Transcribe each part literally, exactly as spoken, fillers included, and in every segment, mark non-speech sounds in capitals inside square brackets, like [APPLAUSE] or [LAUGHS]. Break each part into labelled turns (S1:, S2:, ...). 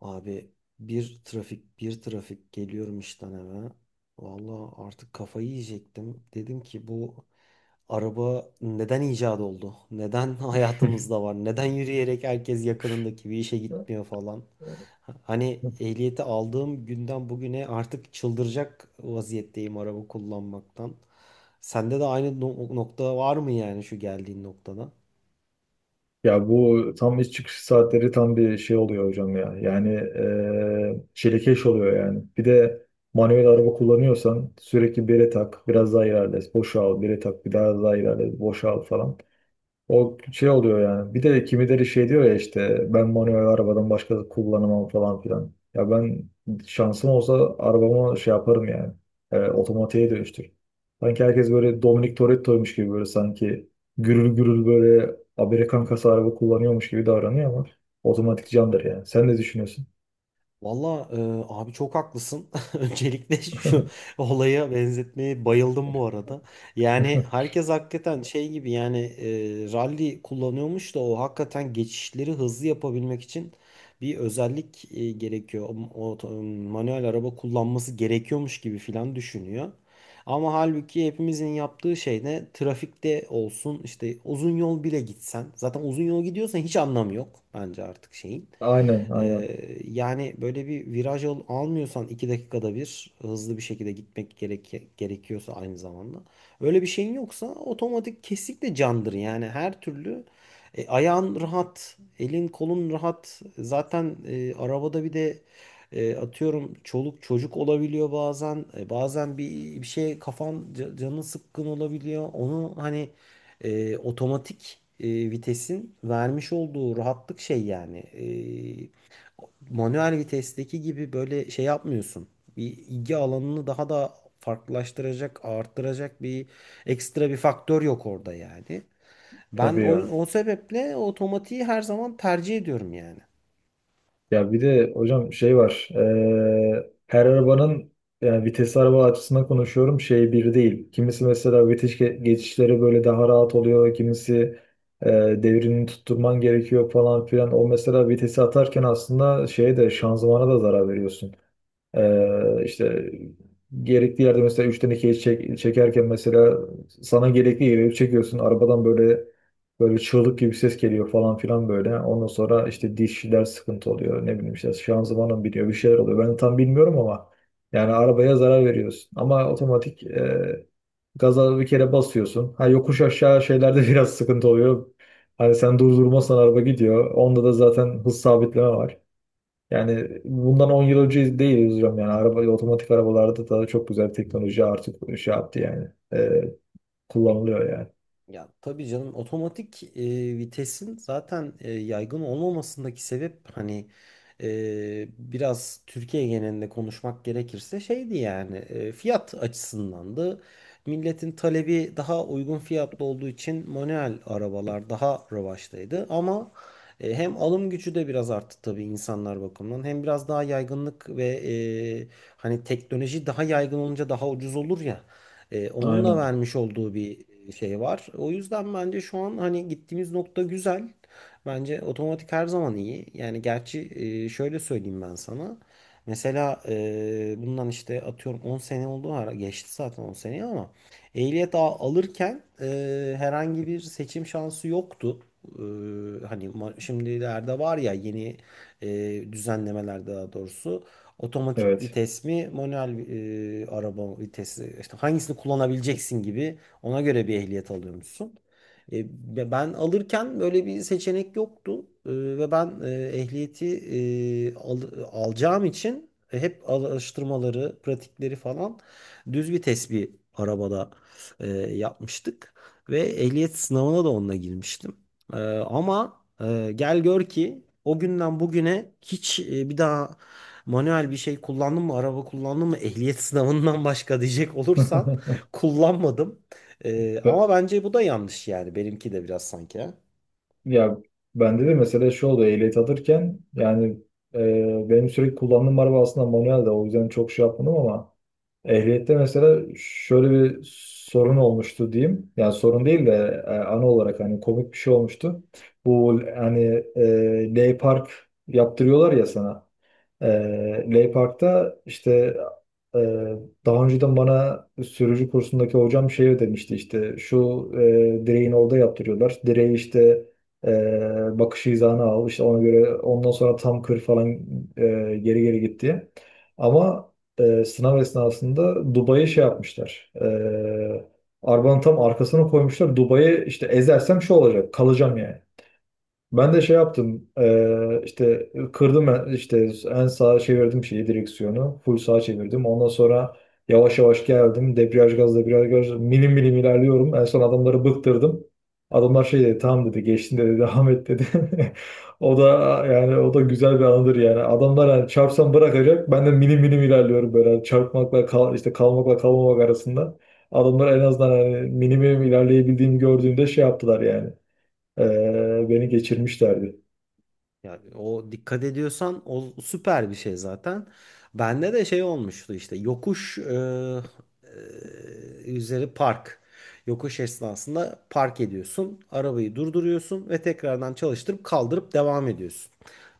S1: Abi, bir trafik bir trafik geliyorum işten eve. Vallahi artık kafayı yiyecektim. Dedim ki bu araba neden icat oldu? Neden [LAUGHS] hayatımızda
S2: [LAUGHS]
S1: var? Neden yürüyerek herkes yakınındaki bir işe gitmiyor falan? Hani ehliyeti aldığım günden bugüne artık çıldıracak vaziyetteyim araba kullanmaktan. Sende de aynı no- nokta var mı yani şu geldiğin noktada?
S2: Ya bu tam iş çıkış saatleri tam bir şey oluyor hocam ya. Yani eee çilekeş oluyor yani. Bir de manuel araba kullanıyorsan sürekli bire tak, biraz daha ilerle, boşa al, bire tak, bir daha daha ilerle, boşa al falan. O şey oluyor yani. Bir de kimileri şey diyor ya işte ben manuel arabadan başka kullanamam falan filan. Ya ben şansım olsa arabama şey yaparım yani. E, otomatiğe dönüştür. Sanki herkes böyle Dominic Toretto'ymuş gibi böyle sanki gürül gürül böyle Amerikan kasa araba kullanıyormuş gibi davranıyor ama otomatik candır yani. Sen ne düşünüyorsun?
S1: Valla e, abi çok haklısın. [LAUGHS] Öncelikle şu olaya benzetmeye bayıldım bu arada. Yani
S2: [LAUGHS]
S1: herkes hakikaten şey gibi yani e, rally kullanıyormuş da o hakikaten geçişleri hızlı yapabilmek için bir özellik e, gerekiyor. O, o- Manuel araba kullanması gerekiyormuş gibi filan düşünüyor. Ama halbuki hepimizin yaptığı şey ne? Trafikte olsun işte uzun yol bile gitsen. Zaten uzun yol gidiyorsan hiç anlamı yok bence artık şeyin.
S2: Aynen,
S1: Ee,
S2: aynen.
S1: yani böyle bir viraj al- almıyorsan iki dakikada bir hızlı bir şekilde gitmek gerek gerekiyorsa aynı zamanda. Öyle bir şeyin yoksa otomatik kesinlikle candır. Yani her türlü e, ayağın rahat, elin kolun rahat. Zaten e, arabada bir de e, atıyorum çoluk çocuk olabiliyor bazen. E, bazen bir bir şey kafan ca- canın sıkkın olabiliyor. Onu hani e, otomatik e, vitesin vermiş olduğu rahatlık şey yani. E, manuel vitesteki gibi böyle şey yapmıyorsun. Bir ilgi alanını daha da farklılaştıracak, arttıracak bir ekstra bir faktör yok orada yani. Ben
S2: Tabii
S1: o,
S2: ya.
S1: o sebeple otomatiği her zaman tercih ediyorum yani.
S2: Ya bir de hocam şey var. Eee, her arabanın yani vites araba açısından konuşuyorum şey bir değil. Kimisi mesela vites ge- geçişleri böyle daha rahat oluyor. Kimisi eee devrini tutturman gerekiyor falan filan. O mesela vitesi atarken aslında şeye de şanzımana da zarar veriyorsun. Ee, işte gerekli yerde mesela üçten ikiye çek, çekerken mesela sana gerekli yere çekiyorsun. Arabadan böyle böyle çığlık gibi ses geliyor falan filan böyle. Ondan sonra işte dişler sıkıntı oluyor. Ne bileyim işte şanzımanın biniyor bir şeyler oluyor. Ben tam bilmiyorum ama yani arabaya zarar veriyorsun. Ama otomatik e, gaza bir kere basıyorsun. Ha yokuş aşağı şeylerde [LAUGHS] biraz sıkıntı oluyor. Hani sen durdurmazsan araba gidiyor. Onda da zaten hız sabitleme var. Yani bundan on yıl önce değil, üzülüyorum yani. Araba, otomatik arabalarda da çok güzel teknoloji artık şey yaptı yani. Ee, Kullanılıyor yani.
S1: Ya tabii canım, otomatik e, vitesin zaten e, yaygın olmamasındaki sebep hani e, biraz Türkiye genelinde konuşmak gerekirse şeydi yani e, fiyat açısındandı. Milletin talebi daha uygun fiyatlı olduğu için manuel arabalar daha revaçtaydı ama e, hem alım gücü de biraz arttı tabii insanlar bakımından hem biraz daha yaygınlık ve e, hani teknoloji daha yaygın olunca daha ucuz olur ya. Ee, onun da
S2: Aynen.
S1: vermiş olduğu bir şey var. O yüzden bence şu an hani gittiğimiz nokta güzel. Bence otomatik her zaman iyi. Yani gerçi e, şöyle söyleyeyim ben sana. Mesela e, bundan işte atıyorum on sene oldu, ara geçti zaten on seneyi ama ehliyet a- alırken e, herhangi bir seçim şansı yoktu. E, hani ma- şimdilerde var ya yeni e, düzenlemeler, daha doğrusu otomatik
S2: Evet.
S1: vites mi, manuel e, araba vitesi, işte hangisini kullanabileceksin gibi ona göre bir ehliyet alıyormuşsun. E, Ve ben alırken böyle bir seçenek yoktu. E, ve ben e, ehliyeti e, al- alacağım için e, hep araştırmaları, pratikleri falan düz vites bir arabada e, yapmıştık ve ehliyet sınavına da onunla girmiştim. E, ama e, gel gör ki o günden bugüne hiç e, bir daha manuel bir şey kullandın mı? Araba kullandın mı? Ehliyet [LAUGHS] sınavından başka diyecek
S2: [LAUGHS]
S1: olursan, kullanmadım. Ee,
S2: Be-
S1: ama bence bu da yanlış yani. Benimki de biraz sanki. Ha?
S2: Ya bende de mesela şu oldu, ehliyet alırken yani e, benim sürekli kullandığım araba aslında manuel, de o yüzden çok şey yapmadım ama ehliyette mesela şöyle bir sorun olmuştu diyeyim. Yani sorun değil de e, ana olarak hani komik bir şey olmuştu. Bu hani e, Ley Park yaptırıyorlar ya sana. Ee, Ley Park'ta işte e, daha önceden bana sürücü kursundaki hocam şey demişti, işte şu e, direğin orada yaptırıyorlar. Direği işte e, bakış hizanı al, işte ona göre, ondan sonra tam kır falan e, geri geri gitti. Ama e, sınav esnasında Dubai'ye şey yapmışlar. E, arabanın tam arkasına koymuşlar. Dubai'ye işte ezersem şu olacak, kalacağım yani. Ben de şey yaptım, eee, işte kırdım, en- işte en sağa çevirdim, şeyi direksiyonu full sağa çevirdim, ondan sonra yavaş yavaş geldim, debriyaj gaz debriyaj gaz, milim milim ilerliyorum, en son adamları bıktırdım. Adamlar şey dedi, tamam dedi, geçtin dedi, [LAUGHS] devam et dedi. [LAUGHS] O da yani, o da güzel bir anıdır yani. Adamlar yani çarpsam bırakacak, ben de milim milim ilerliyorum böyle. Yani çarpmakla kal, işte kalmakla kalmamak arasında, adamlar en azından hani milim milim ilerleyebildiğimi gördüğünde şey yaptılar yani. Ee, beni geçirmişlerdi.
S1: Yani o, dikkat ediyorsan o süper bir şey zaten. Bende de şey olmuştu, işte yokuş e, e, üzeri park. Yokuş esnasında park ediyorsun. Arabayı durduruyorsun ve tekrardan çalıştırıp kaldırıp devam ediyorsun.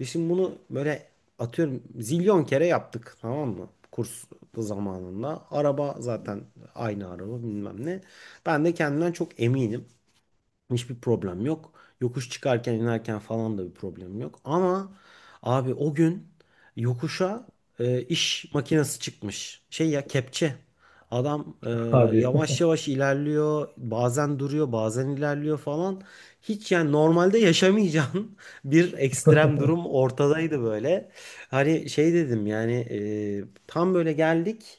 S1: Biz şimdi bunu böyle atıyorum zilyon kere yaptık, tamam mı? Kurs zamanında. Araba zaten aynı araba bilmem ne. Ben de kendimden çok eminim. Hiçbir problem yok. Yokuş çıkarken inerken falan da bir problem yok. Ama abi, o gün yokuşa e, iş makinesi çıkmış. Şey ya, kepçe. Adam e,
S2: Hadi.
S1: yavaş yavaş ilerliyor. Bazen duruyor, bazen ilerliyor falan. Hiç yani normalde yaşamayacağın [LAUGHS] bir ekstrem
S2: [LAUGHS]
S1: durum ortadaydı böyle. Hani şey dedim yani e, tam böyle geldik.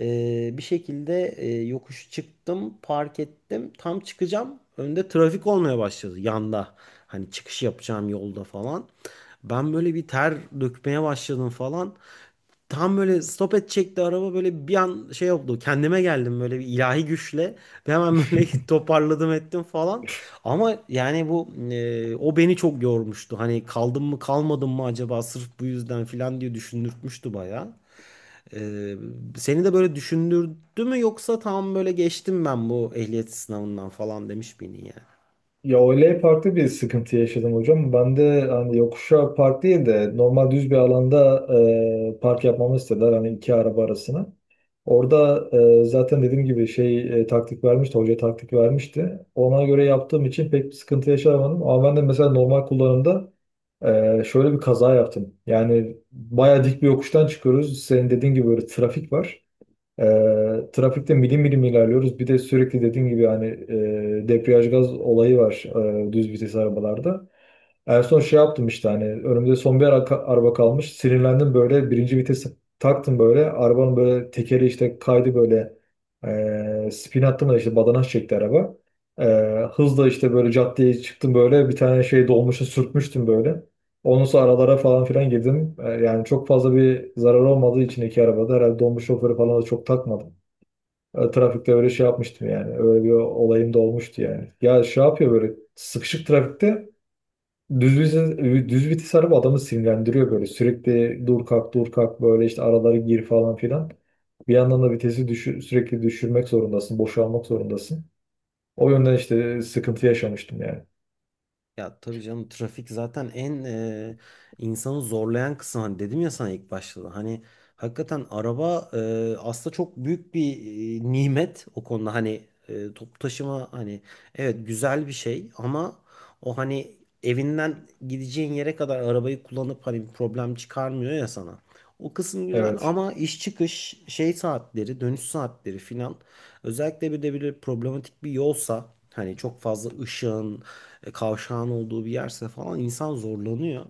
S1: Ee, bir şekilde e, yokuş çıktım, park ettim. Tam çıkacağım. Önde trafik olmaya başladı, yanda. Hani çıkış yapacağım yolda falan. Ben böyle bir ter dökmeye başladım falan. Tam böyle stop edecekti araba, böyle bir an şey oldu. Kendime geldim böyle bir ilahi güçle. Ve hemen böyle [LAUGHS] toparladım ettim falan. Ama yani bu e, o beni çok yormuştu. Hani kaldım mı kalmadım mı acaba sırf bu yüzden falan diye düşündürtmüştü bayağı. Ee, Seni de böyle düşündürdü mü, yoksa tam böyle geçtim ben bu ehliyet sınavından falan demiş miydin yani?
S2: Ya öyle farklı bir sıkıntı yaşadım hocam. Ben de hani yokuşa park değil de normal düz bir alanda e, park yapmamı istediler, hani iki araba arasına. Orada e, zaten dediğim gibi şey, e, taktik vermişti, hoca taktik vermişti. Ona göre yaptığım için pek bir sıkıntı yaşamadım. Ama ben de mesela normal kullanımda e, şöyle bir kaza yaptım. Yani bayağı dik bir yokuştan çıkıyoruz. Senin dediğin gibi böyle trafik var. E, trafikte milim milim ilerliyoruz. Bir de sürekli dediğim gibi hani e, debriyaj gaz olayı var e, düz vites arabalarda. En son şey yaptım, işte hani önümde son bir arka- araba kalmış. Sinirlendim böyle, birinci vitesi taktım böyle. Arabanın böyle tekeri işte kaydı böyle, e, spin attım da işte badanaş çekti araba. E, Hızla işte böyle caddeye çıktım, böyle bir tane şey, dolmuşa sürtmüştüm böyle. Onun sonra aralara falan filan girdim. E, Yani çok fazla bir zarar olmadığı için iki arabada, herhalde dolmuş şoförü falan da çok takmadım. E, Trafikte öyle şey yapmıştım yani. Öyle bir olayım da olmuştu yani. Ya şey yapıyor, böyle sıkışık trafikte düz vites, düz vites araba adamı sinirlendiriyor böyle. Sürekli dur kalk dur kalk böyle, işte aralara gir falan filan. Bir yandan da vitesi düşür, sürekli düşürmek zorundasın, boşalmak zorundasın. O yönden işte sıkıntı yaşamıştım yani.
S1: Ya tabii canım, trafik zaten en e, insanı zorlayan kısım. Hani dedim ya sana ilk başta da. Hani hakikaten araba e, aslında çok büyük bir e, nimet o konuda. Hani e, toplu taşıma hani evet güzel bir şey ama o hani evinden gideceğin yere kadar arabayı kullanıp hani bir problem çıkarmıyor ya sana. O kısım güzel
S2: Evet.
S1: ama iş çıkış şey saatleri, dönüş saatleri filan, özellikle bir de böyle problematik bir yolsa, hani çok fazla ışığın e, kavşağın olduğu bir yerse falan insan zorlanıyor.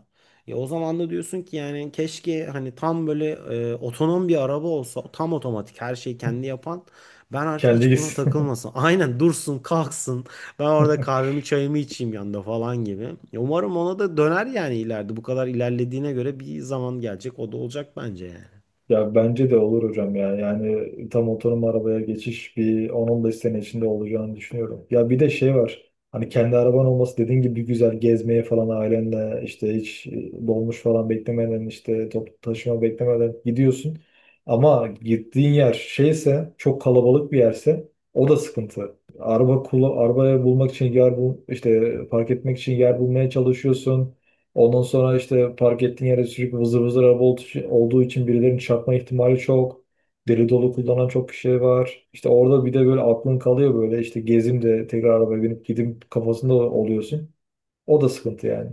S1: Ya o zaman da diyorsun ki yani keşke hani tam böyle e, otonom bir araba olsa, tam otomatik her şeyi kendi yapan, ben artık
S2: Kendi
S1: hiç buna
S2: gitsin.
S1: takılmasın. [LAUGHS] Aynen dursun kalksın, ben orada
S2: [LAUGHS]
S1: kahvemi çayımı içeyim yanında falan gibi. Ya umarım ona da döner yani ileride, bu kadar ilerlediğine göre bir zaman gelecek o da olacak bence yani.
S2: Ya bence de olur hocam ya. Yani tam otonom arabaya geçiş bir on on beş sene içinde olacağını düşünüyorum. Ya bir de şey var. Hani kendi araban olması dediğin gibi güzel, gezmeye falan ailenle işte hiç e, dolmuş falan beklemeden, işte toplu taşıma beklemeden gidiyorsun. Ama gittiğin yer şeyse, çok kalabalık bir yerse, o da sıkıntı. Araba kula, arabaya bulmak için yer bul, işte park etmek için yer bulmaya çalışıyorsun. Ondan sonra işte park ettiğin yere sürekli vızır vızır araba olduğu için olduğu için birilerinin çarpma ihtimali çok. Deli dolu kullanan çok kişi var. İşte orada bir de böyle aklın kalıyor, böyle işte gezim de tekrar arabaya binip gideyim kafasında oluyorsun. O da sıkıntı yani.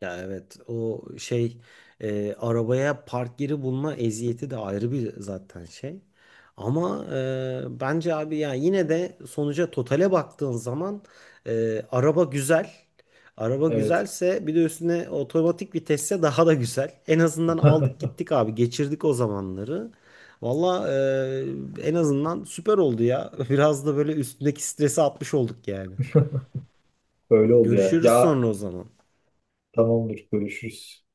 S1: Ya evet, o şey e, arabaya park yeri bulma eziyeti de ayrı bir zaten şey. Ama e, bence abi ya, yine de sonuca, totale baktığın zaman e, araba güzel. Araba
S2: Evet.
S1: güzelse bir de üstüne otomatik vitesse daha da güzel. En azından aldık
S2: [LAUGHS]
S1: gittik abi, geçirdik o zamanları. Valla e, en azından süper oldu ya. [LAUGHS] Biraz da böyle üstündeki stresi atmış olduk yani.
S2: Öyle oldu yani.
S1: Görüşürüz
S2: Ya
S1: sonra o zaman.
S2: tamamdır, görüşürüz.